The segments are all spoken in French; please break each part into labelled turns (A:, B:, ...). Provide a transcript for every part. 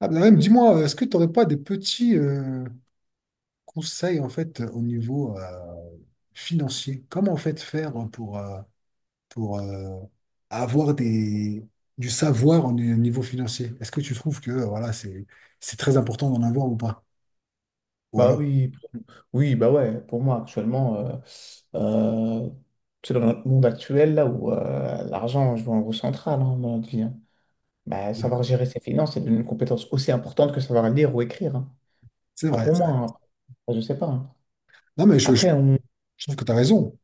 A: Ah, ben même, dis-moi, est-ce que tu n'aurais pas des petits conseils en fait au niveau financier? Comment en fait faire pour avoir des, du savoir au niveau financier? Est-ce que tu trouves que voilà, c'est très important d'en avoir ou pas? Ou
B: Bah
A: alors,
B: oui, oui, bah ouais, pour moi actuellement, euh, c'est dans notre monde actuel là où l'argent joue un rôle central, hein, dans notre vie. Hein. Bah,
A: euh,
B: savoir gérer ses finances, c'est une compétence aussi importante que savoir lire ou écrire. Hein.
A: c'est
B: Enfin,
A: vrai.
B: pour
A: C'est
B: moi.
A: vrai.
B: Hein. Enfin, je sais pas. Hein.
A: Non, mais
B: Après, on
A: je trouve que tu as raison.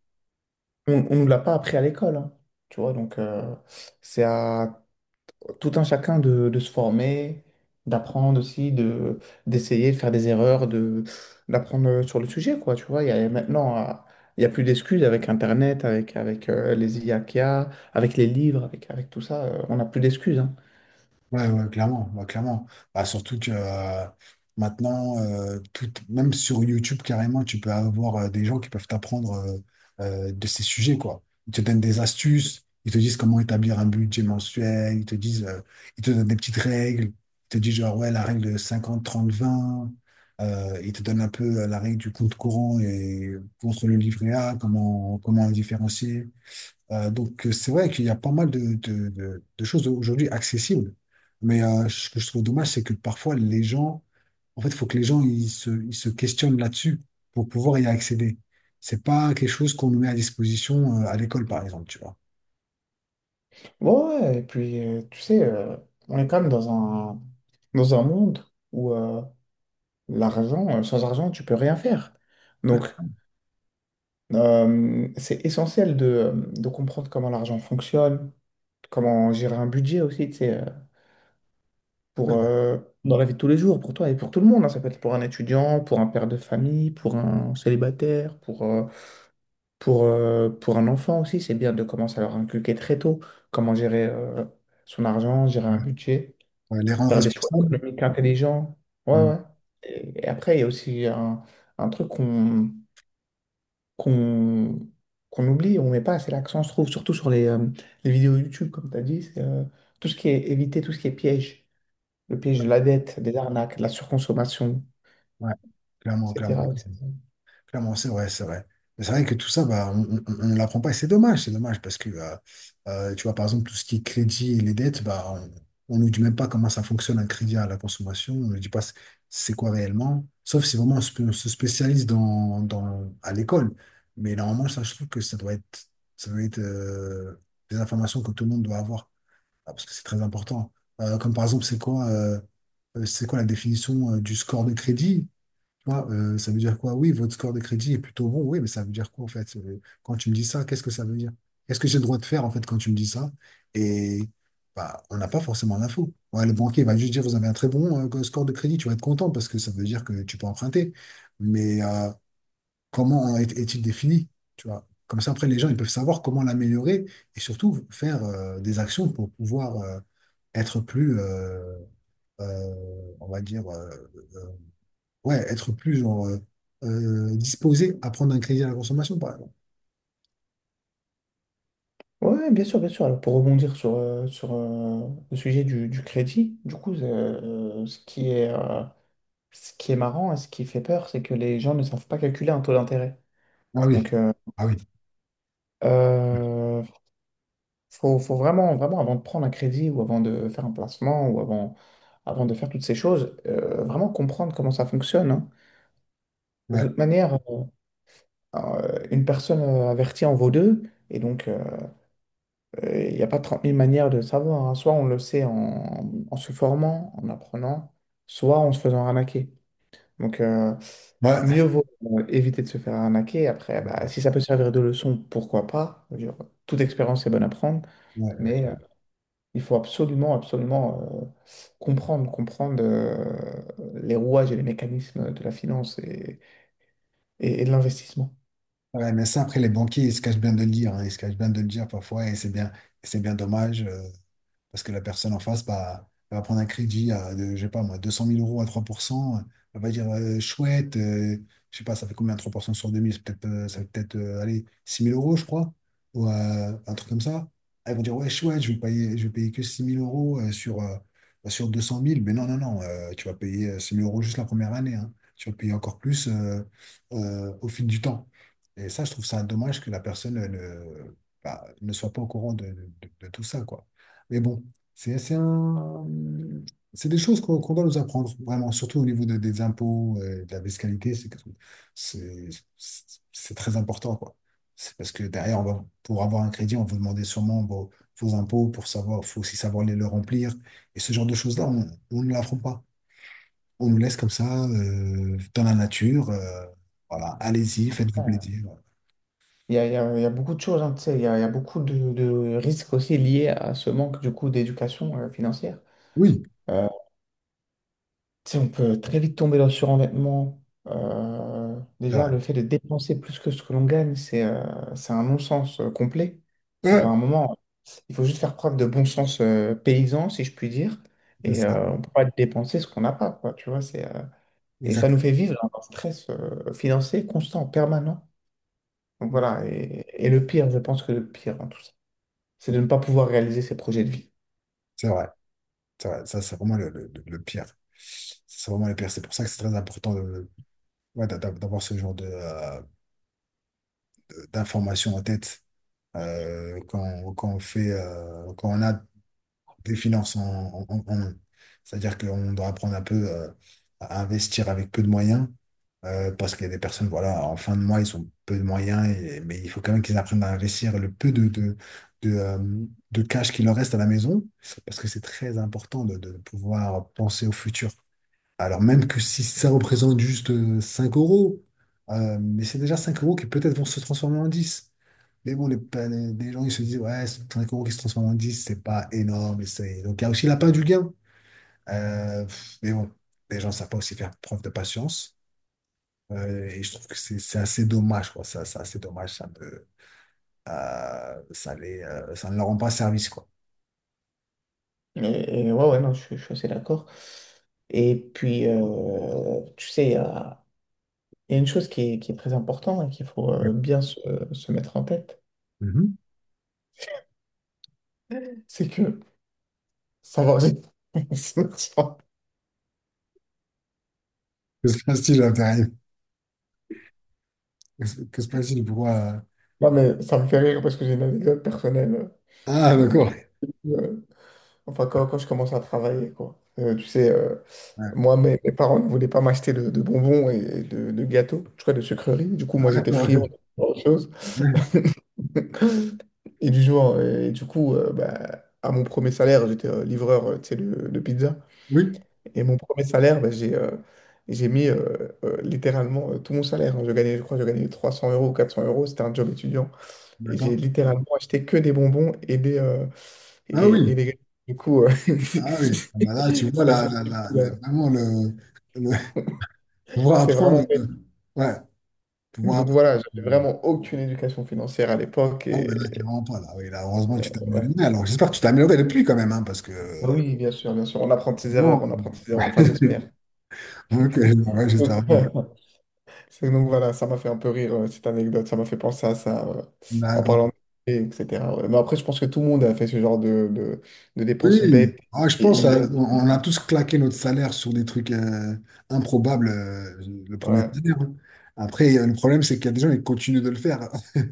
B: on on nous l'a pas appris à l'école. Hein. Tu vois, donc c'est à tout un chacun de se former, d'apprendre aussi, d'essayer de faire des erreurs, d'apprendre sur le sujet, quoi, tu vois. Il n'y a plus d'excuses avec Internet, avec les IA qu'il y a, avec les livres, avec tout ça, on n'a plus d'excuses, hein.
A: Ouais, ouais, clairement, ouais, clairement. Bah, surtout que maintenant, tout, même sur YouTube, carrément, tu peux avoir des gens qui peuvent t'apprendre de ces sujets, quoi. Ils te donnent des astuces, ils te disent comment établir un budget mensuel, ils te disent, ils te donnent des petites règles, ils te disent genre, ouais, la règle de 50 30 20 ils te donnent un peu la règle du compte courant et contre le livret A, comment, comment le différencier. Donc, c'est vrai qu'il y a pas mal de, de choses aujourd'hui accessibles. Mais ce que je trouve dommage, c'est que parfois, les gens, en fait, il faut que les gens ils se questionnent là-dessus pour pouvoir y accéder. C'est pas quelque chose qu'on nous met à disposition à l'école, par exemple, tu vois.
B: Ouais, ouais, ouais. Et puis, tu sais, on est quand même dans un monde où sans argent, tu peux rien faire.
A: Ouais,
B: Donc, c'est essentiel de comprendre comment l'argent fonctionne, comment gérer un budget aussi, tu sais, pour,
A: ouais,
B: euh, dans la vie de tous les jours, pour toi et pour tout le monde. Hein. Ça peut être pour un étudiant, pour un père de famille, pour un célibataire, pour un enfant aussi. C'est bien de commencer à leur inculquer très tôt comment gérer son argent, gérer
A: ouais.
B: un budget,
A: Ouais, les rendre
B: faire des choix
A: responsables.
B: économiques intelligents. Ouais,
A: Mm.
B: ouais. Et après, il y a aussi un truc qu'on qu'on oublie, on met pas assez l'accent, je trouve, surtout sur les vidéos YouTube, comme tu as dit, c'est tout ce qui est éviter tout ce qui est piège. Le piège de la dette, des arnaques, de la surconsommation,
A: Ouais, clairement,
B: etc.,
A: clairement.
B: etc.
A: Clairement, c'est vrai, c'est vrai. Mais c'est vrai que tout ça, bah, on ne l'apprend pas et c'est dommage parce que, tu vois, par exemple, tout ce qui est crédit et les dettes, bah, on ne nous dit même pas comment ça fonctionne un crédit à la consommation, on ne nous dit pas c'est quoi réellement, sauf si vraiment on se spécialise dans, dans, à l'école. Mais normalement, ça, je trouve que ça doit être des informations que tout le monde doit avoir, ah, parce que c'est très important. Comme par exemple, c'est quoi la définition du score de crédit? Quoi, ça veut dire quoi? Oui, votre score de crédit est plutôt bon, oui, mais ça veut dire quoi en fait? Quand tu me dis ça, qu'est-ce que ça veut dire? Qu'est-ce que j'ai le droit de faire en fait quand tu me dis ça? Et bah, on n'a pas forcément l'info. Ouais, le banquier va juste dire, vous avez un très bon score de crédit, tu vas être content parce que ça veut dire que tu peux emprunter. Mais comment est-il défini? Tu vois? Comme ça, après, les gens ils peuvent savoir comment l'améliorer et surtout faire des actions pour pouvoir être plus, on va dire, ouais, être plus genre, disposé à prendre un crédit à la consommation, par exemple.
B: Ouais, bien sûr, bien sûr. Alors, pour rebondir sur le sujet du crédit, du coup, ce qui est marrant et ce qui fait peur, c'est que les gens ne savent pas calculer un taux d'intérêt.
A: Ah oui,
B: Donc,
A: ah oui,
B: euh, faut vraiment, vraiment, avant de prendre un crédit ou avant de faire un placement ou avant, avant de faire toutes ces choses, vraiment comprendre comment ça fonctionne. Hein. De
A: ouais,
B: toute manière, une personne avertie en vaut deux. Et donc, il n'y a pas 30 000 manières de savoir. Hein. Soit on le sait en se formant, en apprenant, soit en se faisant arnaquer. Donc, mieux
A: ouais.
B: vaut éviter de se faire arnaquer. Après, bah, si ça peut servir de leçon, pourquoi pas? Je veux dire, toute expérience est bonne à prendre,
A: Ouais, ouais,
B: mais
A: clairement.
B: il faut absolument, absolument comprendre les rouages et les mécanismes de la finance et de l'investissement.
A: Ouais, mais ça, après, les banquiers, ils se cachent bien de le dire, hein, ils se cachent bien de le dire parfois, et c'est bien dommage. Parce que la personne en face, bah, elle va prendre un crédit à, de, je sais pas moi, deux cent mille euros à 3%. Elle va dire, chouette, je sais pas, ça fait combien 3% sur deux mille. C'est peut-être, ça fait peut-être, allez, 6 000 euros, je crois. Ou un truc comme ça. Elles vont dire, ouais, chouette, je vais payer que six mille euros sur, sur 200 000. Mais non, non, non, tu vas payer 6 000 euros juste la première année, hein. Tu vas payer encore plus au fil du temps. Et ça, je trouve ça dommage que la personne ne, bah, ne soit pas au courant de, de tout ça, quoi. Mais bon, c'est assez un- c'est des choses qu'on doit nous apprendre, vraiment, surtout au niveau des impôts, de la fiscalité, c'est c'est très important, quoi. C'est parce que derrière, on va, pour avoir un crédit, on va vous demander sûrement vos, vos impôts pour savoir, faut aussi savoir les le remplir. Et ce genre de choses-là, on ne l'apprend pas. On nous laisse comme ça, dans la nature. Voilà, allez-y, faites-vous plaisir.
B: Il y a, il y a- il y a beaucoup de choses, hein, tu sais, il y a beaucoup de risques aussi liés à ce manque du coup d'éducation financière.
A: Oui,
B: Euh, tu sais, on peut très vite tomber dans le surendettement.
A: c'est vrai.
B: Déjà, le fait de dépenser plus que ce que l'on gagne, c'est un non-sens complet.
A: Ouais,
B: Enfin, à un moment, il faut juste faire preuve de bon sens paysan, si je puis dire,
A: c'est
B: et
A: ça,
B: on ne peut pas dépenser ce qu'on n'a pas, quoi, tu vois, et ça
A: exact.
B: nous fait vivre dans un stress financier constant, permanent. Donc voilà. Et le pire, je pense que le pire en tout ça, c'est de ne pas pouvoir réaliser ses projets de vie.
A: C'est vrai. Ça, c'est vraiment le pire. C'est vraiment le pire. C'est pour ça que c'est très important de, ouais, d'avoir ce genre de, d'informations en tête quand, quand on fait, quand on a des finances en, en, en main. C'est-à-dire qu'on doit apprendre un peu à investir avec peu de moyens parce qu'il y a des personnes, voilà, en fin de mois, ils ont peu de moyens, mais il faut quand même qu'ils apprennent à investir le peu de, euh, de cash qui leur reste à la maison parce que c'est très important de pouvoir penser au futur. Alors même que si ça représente juste 5 euros, mais c'est déjà 5 euros qui peut-être vont se transformer en 10. Mais bon, les gens, ils se disent, ouais, c'est 5 euros qui se transforment en dix, c'est pas énorme. Donc, il y a aussi la part du gain. Mais bon, les gens ne savent pas aussi faire preuve de patience. Et je trouve que c'est assez dommage, quoi. Ça, c'est assez dommage. Ça les, ça ne leur rend pas service, quoi.
B: Et ouais, ouais, non, je suis assez d'accord. Et puis, tu sais, il y a une chose qui est très importante et qu'il faut bien se mettre en tête,
A: Mhm.
B: c'est que ça va vite. Ça va-
A: Que se passe-t-il, là, t'arrives. Que se passe-t-il? Pourquoi?
B: Non, mais ça me fait rire parce que j'ai une anecdote personnelle.
A: Ah,
B: Du
A: d'accord.
B: coup, enfin, quand je commence à travailler, quoi. Tu sais,
A: Ouais.
B: moi, mes parents ne voulaient pas m'acheter de bonbons et de gâteaux, je crois de sucreries. Du coup, moi,
A: Ah,
B: j'étais
A: d'accord,
B: friand
A: ok.
B: de autre chose. Et du coup, bah, à mon premier salaire, j'étais livreur, tu sais, de pizza.
A: Oui,
B: Et mon premier salaire, bah, j'ai mis littéralement tout mon salaire. Hein. Je gagnais, je crois, que je gagnais 300 € ou 400 euros. C'était un job étudiant. Et j'ai
A: d'accord.
B: littéralement acheté que des bonbons et des euh,
A: Ah
B: et, et
A: oui,
B: des. gâteaux. Du coup,
A: ah oui. Ah bah là, tu vois,
B: c'est
A: là,
B: assez
A: là,
B: stupide.
A: là, là,
B: Hein.
A: vraiment le, le- pouvoir
B: C'est
A: apprendre.
B: vraiment.
A: Ouais, pouvoir
B: Donc
A: apprendre.
B: voilà, j'avais
A: euh,
B: vraiment aucune éducation financière à l'époque
A: Ah oui, bah là,
B: et
A: clairement pas. Là, oui, là, heureusement que tu t'es
B: ouais.
A: amélioré. Alors, j'espère que tu t'es amélioré depuis quand même, hein, parce que.
B: Ah, oui, bien sûr, bien sûr. On apprend de ses
A: Sinon,
B: erreurs, on apprend de ses erreurs.
A: euh,
B: Enfin, j'espère.
A: ok, ouais, j'espère
B: Donc,
A: vraiment.
B: donc voilà, ça m'a fait un peu rire cette anecdote, ça m'a fait penser à ça en
A: D'accord.
B: parlant de et etc. Ouais. Mais après, je pense que tout le monde a fait ce genre de dépenses
A: Oui,
B: bêtes
A: ah, je pense
B: et, et-
A: on a tous claqué notre salaire sur des trucs improbables, le premier
B: ouais.
A: salaire, hein. Après, le problème, c'est qu'il y a des gens qui continuent de le faire.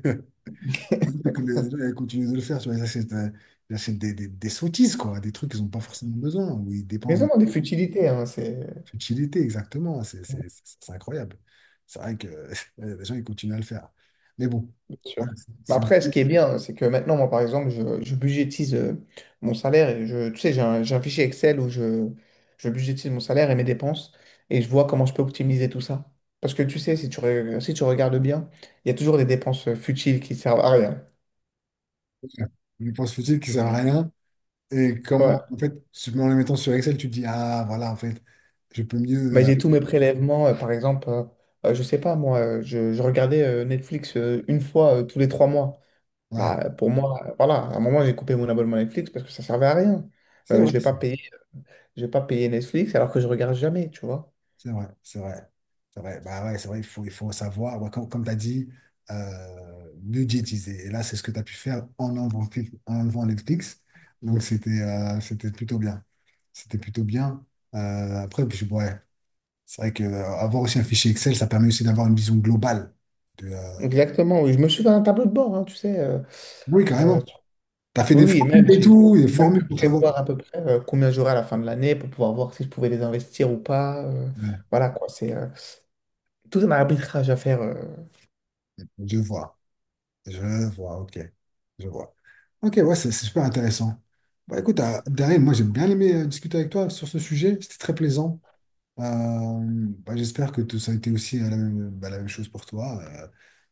A: C'est que les gens, ils continuent de le faire, tu vois, ils achètent des sottises, quoi, des trucs qu'ils n'ont pas forcément besoin, ou ils
B: Mais
A: dépensent dans
B: vraiment
A: la
B: des futilités, hein, c'est
A: futilité, exactement, c'est incroyable. C'est vrai que les gens, ils continuent à le faire. Mais bon,
B: sûr.
A: voilà, c'est
B: Mais
A: c'est
B: après, ce qui est bien, c'est que maintenant, moi, par exemple, je budgétise mon salaire et tu sais, j'ai un fichier Excel où je budgétise mon salaire et mes dépenses et je vois comment je peux optimiser tout ça. Parce que tu sais, si si tu regardes bien, il y a toujours des dépenses futiles qui servent à rien.
A: une dépense futile qui sert à rien, et
B: Ouais.
A: comment, en fait, en les mettant sur Excel, tu te dis, ah, voilà, en fait, je peux mieux,
B: Mais j'ai tous mes prélèvements, par exemple, je sais pas, moi, je regardais Netflix une fois tous les trois mois.
A: ouais,
B: Bah, pour moi, voilà, à un moment, j'ai coupé mon abonnement Netflix parce que ça servait à rien.
A: c'est
B: Je
A: vrai,
B: vais pas payer. J'ai pas payé Netflix alors que je regarde jamais, tu vois.
A: c'est vrai, c'est vrai. C'est vrai. Bah ouais, c'est vrai, il faut savoir, ouais, comme, comme tu as dit, budgétiser. Et là, c'est ce que tu as pu faire en enlevant Netflix. Donc, c'était c'était plutôt bien. C'était plutôt bien. Après, puis, ouais, c'est vrai que avoir aussi un fichier Excel, ça permet aussi d'avoir une vision globale. De,
B: Exactement, oui. Je me suis fait un tableau de bord, hein, tu sais.
A: oui,
B: Euh,
A: carrément. Tu as fait
B: oui,
A: des
B: oui, et
A: formules
B: même
A: et
B: j'ai dû
A: tout, des formules pour savoir.
B: prévoir à peu près combien j'aurais à la fin de l'année pour pouvoir voir si je pouvais les investir ou pas.
A: Ouais,
B: Voilà quoi, c'est tout un arbitrage à faire.
A: je vois, je vois, ok. Je vois. Ok, ouais, c'est super intéressant. Bah, écoute, Daryl, moi j'ai bien aimé discuter avec toi sur ce sujet, c'était très plaisant. Euh, Bah, j'espère que tout ça a été aussi la même, bah, la même chose pour toi,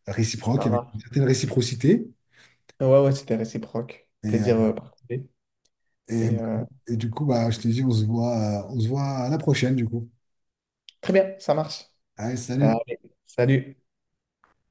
A: réciproque,
B: Ça
A: avec
B: marche.
A: une certaine réciprocité.
B: Ouais, ouais, c'était réciproque.
A: Et, euh,
B: Plaisir partagé.
A: et,
B: Et
A: et du coup, bah, je te dis, on se voit à la prochaine, du coup.
B: très bien, ça marche.
A: Allez, salut!
B: Allez, salut.